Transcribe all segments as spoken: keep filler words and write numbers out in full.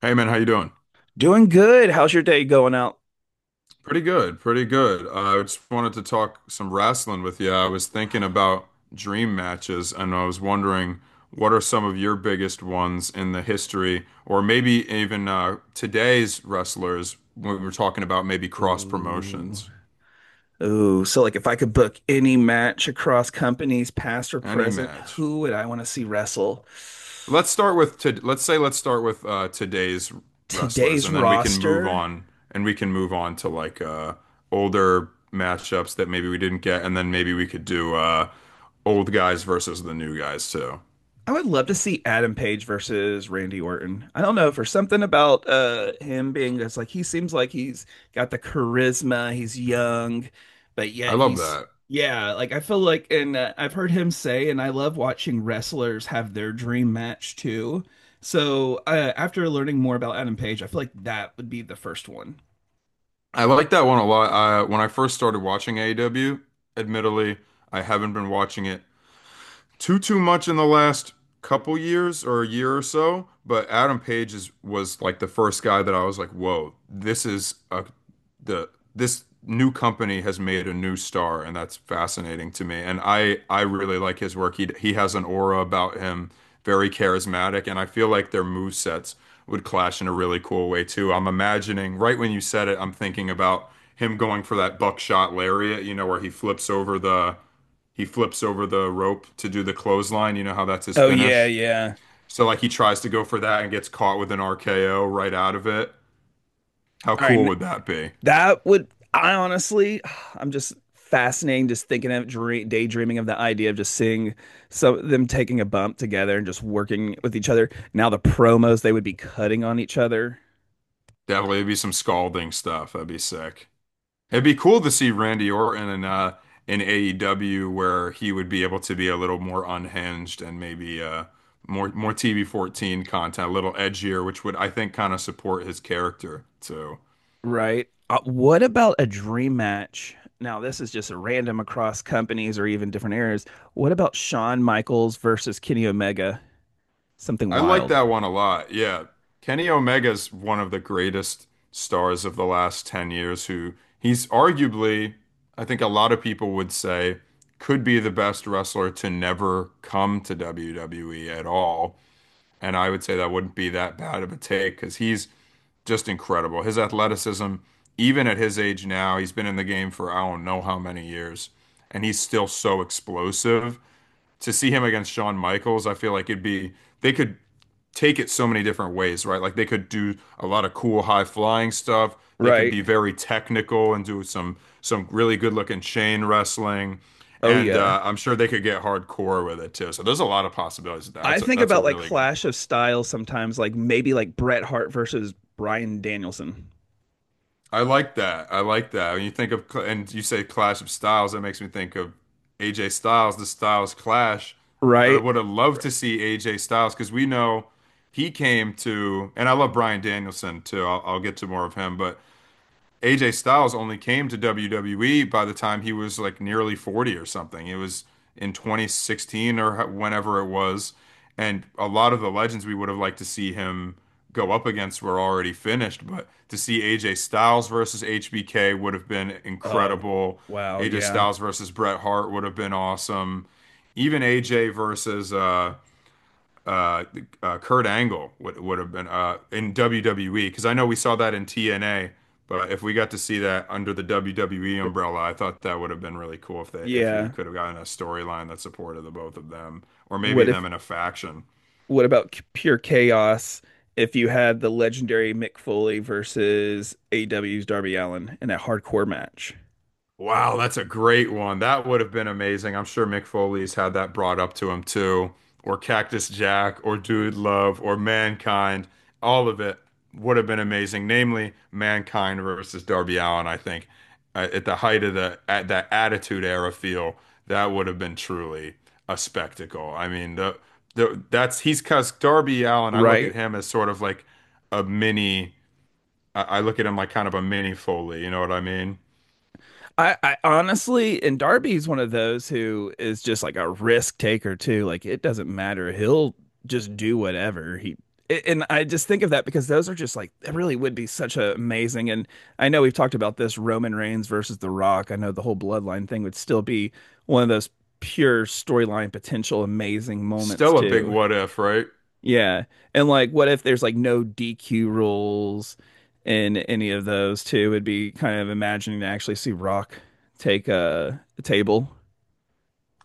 Hey man, how you doing? Doing good. How's your day going out? Pretty good, pretty good. Uh, I just wanted to talk some wrestling with you. I was thinking about dream matches, and I was wondering what are some of your biggest ones in the history, or maybe even uh, today's wrestlers when we were talking about maybe cross Ooh. promotions. Ooh. So like if I could book any match across companies, past or Any present, match. who would I want to see wrestle? Let's start with to, let's say let's start with uh, today's wrestlers, Today's and then we can move roster. on, and we can move on to like uh, older matchups that maybe we didn't get, and then maybe we could do uh, old guys versus the new guys too. I would love to see Adam Page versus Randy Orton. I don't know, for something about uh him being just like he seems like he's got the charisma, he's young, but I yet love he's that. yeah, like I feel like and uh, I've heard him say, and I love watching wrestlers have their dream match too. So, uh, after learning more about Adam Page, I feel like that would be the first one. I like that one a lot. Uh, when I first started watching A E W, admittedly, I haven't been watching it too too much in the last couple years or a year or so, but Adam Page is was like the first guy that I was like, whoa, this is a the this new company has made a new star, and that's fascinating to me. And I I really like his work. He he has an aura about him, very charismatic, and I feel like their move sets would clash in a really cool way too. I'm imagining right when you said it, I'm thinking about him going for that buckshot lariat, you know, where he flips over the he flips over the rope to do the clothesline. You know how that's his Oh yeah, finish. yeah. So like he tries to go for that and gets caught with an R K O right out of it. How All cool right, would that be? that would, I honestly, I'm just fascinating just thinking of dream, daydreaming of the idea of just seeing some them taking a bump together and just working with each other. Now the promos they would be cutting on each other, Definitely it'd be some scalding stuff. That'd be sick. It'd be cool to see Randy Orton in uh in A E W where he would be able to be a little more unhinged and maybe uh more more T V fourteen content, a little edgier, which would I think kind of support his character too. right? Uh, what about a dream match? Now this is just random across companies or even different areas. What about Shawn Michaels versus Kenny Omega? Something I like wild, that one a lot. Yeah. Kenny Omega's one of the greatest stars of the last ten years who he's arguably, I think a lot of people would say, could be the best wrestler to never come to W W E at all. And I would say that wouldn't be that bad of a take because he's just incredible. His athleticism, even at his age now, he's been in the game for I don't know how many years, and he's still so explosive to see him against Shawn Michaels, I feel like it'd be they could take it so many different ways, right? Like they could do a lot of cool high flying stuff. They could right? be very technical and do some some really good looking chain wrestling, Oh and yeah. uh, I'm sure they could get hardcore with it too. So there's a lot of possibilities. I That's a, think that's a about like really good clash of styles sometimes, like maybe like Bret Hart versus Bryan Danielson, I like that. I like that. When you think of, cl- and you say Clash of Styles, that makes me think of A J Styles, the Styles Clash. But I right? would have loved Right. to see A J Styles because we know he came to, and I love Bryan Danielson too. I'll, I'll get to more of him, but A J Styles only came to W W E by the time he was like nearly forty or something. It was in twenty sixteen or whenever it was. And a lot of the legends we would have liked to see him go up against were already finished. But to see A J Styles versus H B K would have been Oh, incredible. wow, A J yeah, Styles versus Bret Hart would have been awesome. Even A J versus uh, uh, uh, Kurt Angle would would have been uh, in W W E because I know we saw that in T N A, but if we got to see that under the W W E D- umbrella, I thought that would have been really cool if they if we yeah. could have gotten a storyline that supported the both of them or maybe What if? them in a faction. What about c- pure chaos? If you had the legendary Mick Foley versus A E W's Darby Allin in a hardcore match, Wow, that's a great one. That would have been amazing. I'm sure Mick Foley's had that brought up to him too, or Cactus Jack, or Dude Love, or Mankind. All of it would have been amazing. Namely, Mankind versus Darby Allin. I think uh, at the height of the at that Attitude Era feel, that would have been truly a spectacle. I mean, the, the that's he's because Darby Allin. I look at right? him as sort of like a mini. I, I look at him like kind of a mini Foley. You know what I mean? I, I honestly, and Darby's one of those who is just like a risk taker too. Like it doesn't matter. He'll just do whatever he. And I just think of that because those are just like it really would be such a amazing. And I know we've talked about this Roman Reigns versus The Rock. I know the whole bloodline thing would still be one of those pure storyline potential amazing moments Still a big too. what if, right? Yeah. And like what if there's like no D Q rules in any of those too? It'd be kind of imagining to actually see Rock take a, a table.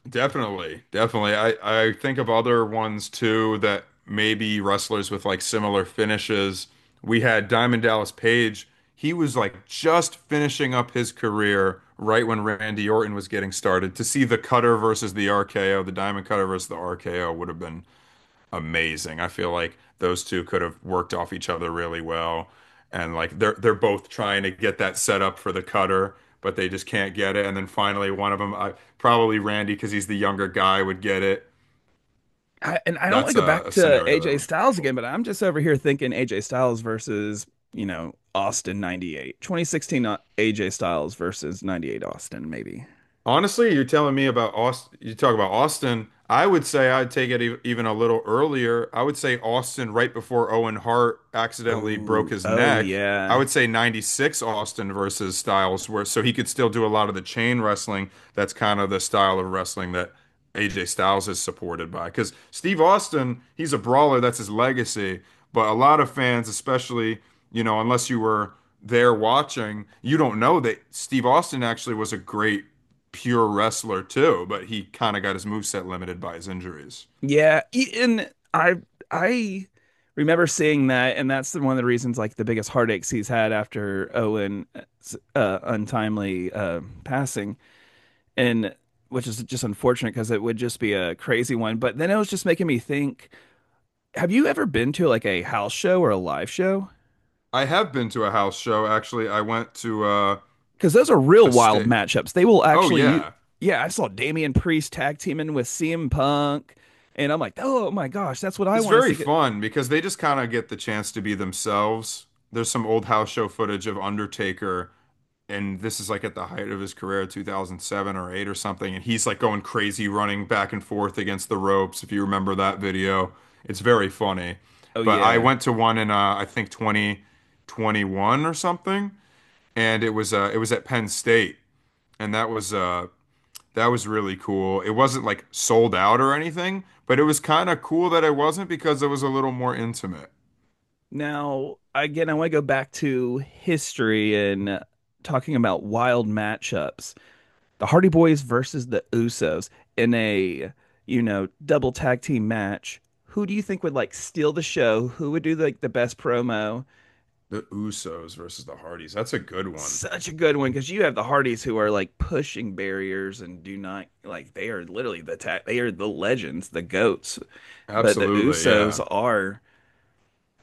Definitely, definitely. I I think of other ones too that maybe wrestlers with like similar finishes. We had Diamond Dallas Page. He was like just finishing up his career right when Randy Orton was getting started. To see the cutter versus the R K O, the Diamond Cutter versus the R K O would have been amazing. I feel like those two could have worked off each other really well. And like they're they're both trying to get that set up for the cutter, but they just can't get it. And then finally one of them, I, probably Randy, because he's the younger guy, would get it. I, and I don't want That's to go a, back a to scenario that A J would be Styles cool. again, but I'm just over here thinking A J Styles versus, you know, Austin ninety-eight. twenty sixteen A J Styles versus ninety-eight Austin maybe. Honestly, you're telling me about Austin. You talk about Austin. I would say I'd take it e- even a little earlier. I would say Austin right before Owen Hart accidentally broke Oh, his oh neck. I yeah. would say ninety-six Austin versus Styles, where so he could still do a lot of the chain wrestling. That's kind of the style of wrestling that A J Styles is supported by. Because Steve Austin, he's a brawler, that's his legacy. But a lot of fans, especially, you know, unless you were there watching, you don't know that Steve Austin actually was a great pure wrestler too, but he kind of got his moveset limited by his injuries. Yeah, e- and I I remember seeing that, and that's the- one of the reasons, like the biggest heartaches he's had after Owen's uh, untimely uh, passing, and which is just unfortunate because it would just be a crazy one. But then it was just making me think: have you ever been to like a house show or a live show? I have been to a house show actually. I went to uh, Because those are real a wild state. matchups. They will Oh actually, you, yeah, yeah, I saw Damian Priest tag teaming with C M Punk, and I'm like, oh my gosh, that's what I it's want to very see. Get- fun because they just kind of get the chance to be themselves. There's some old house show footage of Undertaker, and this is like at the height of his career, two thousand seven or eight or something, and he's like going crazy, running back and forth against the ropes. If you remember that video, it's very funny. oh But I yeah. went to one in uh, I think twenty twenty-one or something and it was uh it was at Penn State and that was uh that was really cool. It wasn't like sold out or anything, but it was kind of cool that it wasn't because it was a little more intimate. Now, again, I want to go back to history and uh, talking about wild matchups. The Hardy Boys versus the Usos in a, you know, double tag team match. Who do you think would like steal the show? Who would do like the best promo? The Usos versus the Hardys. That's a good one. Such a good one because you have the Hardys who are like pushing barriers and do not like they are literally the ta- they are the legends, the goats. But the Absolutely, yeah. Usos are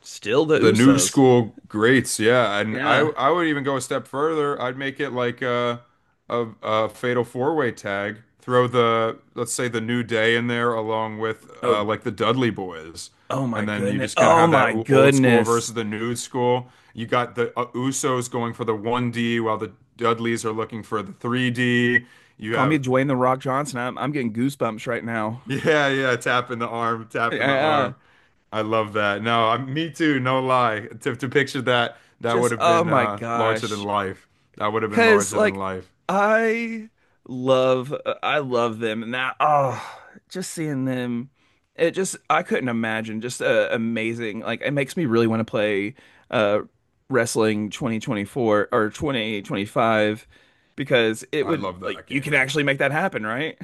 still the The new Usos. school greats, yeah, and I Yeah. I would even go a step further. I'd make it like a a, a fatal four-way tag. Throw the Let's say the New Day in there along with uh, Oh, like the Dudley Boys, oh my and then you goodness. just kind of Oh have that my o- old school goodness. versus the new school. You got the uh, Usos going for the one D while the Dudleys are looking for the three D. You Call me have Dwayne the Rock Johnson. I'm I'm getting goosebumps right now. yeah, yeah, tapping the arm, tapping the Yeah. arm. uh, I love that. No, I, me too, no lie. To to picture that, that Just would have oh been my uh larger than gosh. life. That would have been 'Cause larger than like life. I love uh, I love them and that oh just seeing them it just I couldn't imagine just uh, amazing. Like it makes me really want to play uh wrestling twenty twenty-four or twenty twenty-five because it I would love like that you game, can man. actually make that happen, right?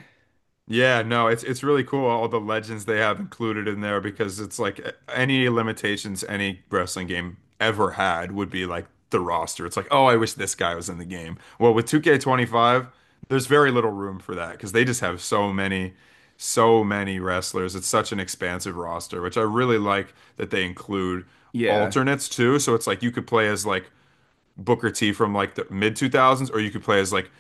Yeah, no, it's it's really cool all the legends they have included in there because it's like a- any limitations any wrestling game ever had would be like the roster. It's like, oh, I wish this guy was in the game. Well, with two K twenty-five, there's very little room for that because they just have so many, so many wrestlers. It's such an expansive roster, which I really like that they include Yeah. alternates too. So it's like you could play as like Booker T from like the mid two thousands, or you could play as like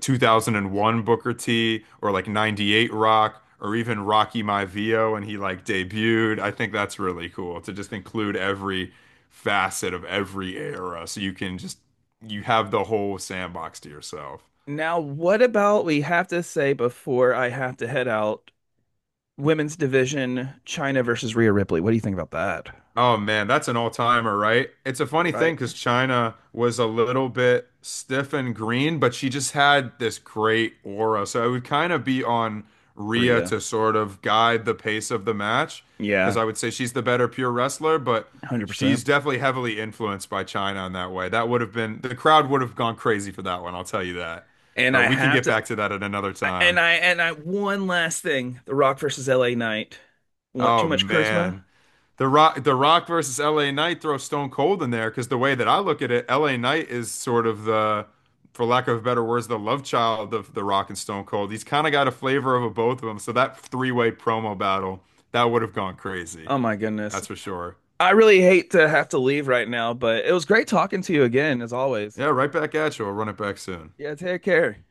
two thousand one Booker T or like ninety-eight Rock or even Rocky Maivia when he like debuted. I think that's really cool to just include every facet of every era so you can just you have the whole sandbox to yourself. Now, what about we have to say before I have to head out, women's division, China versus Rhea Ripley. What do you think about that? Oh man, that's an all-timer, right? It's a funny thing Right? because China was a little bit stiff and green, but she just had this great aura. So it would kind of be on Rhea Rhea. to sort of guide the pace of the match because Yeah, I would say she's the better pure wrestler, but she's one hundred percent. definitely heavily influenced by China in that way. That would have been the crowd would have gone crazy for that one, I'll tell you that. And But I we can have get to back to that at another I- and time. I and I one last thing, The Rock versus L A Knight. Want too Oh much charisma? man. The Rock, The Rock versus L A Knight throw Stone Cold in there because the way that I look at it, L A Knight is sort of the, for lack of better words, the love child of The Rock and Stone Cold. He's kind of got a flavor of a, both of them. So that three-way promo battle, that would have gone crazy. Oh my goodness. That's for sure. I really hate to have to leave right now, but it was great talking to you again, as always. Yeah, right back at you. I'll run it back soon. Yeah, take care.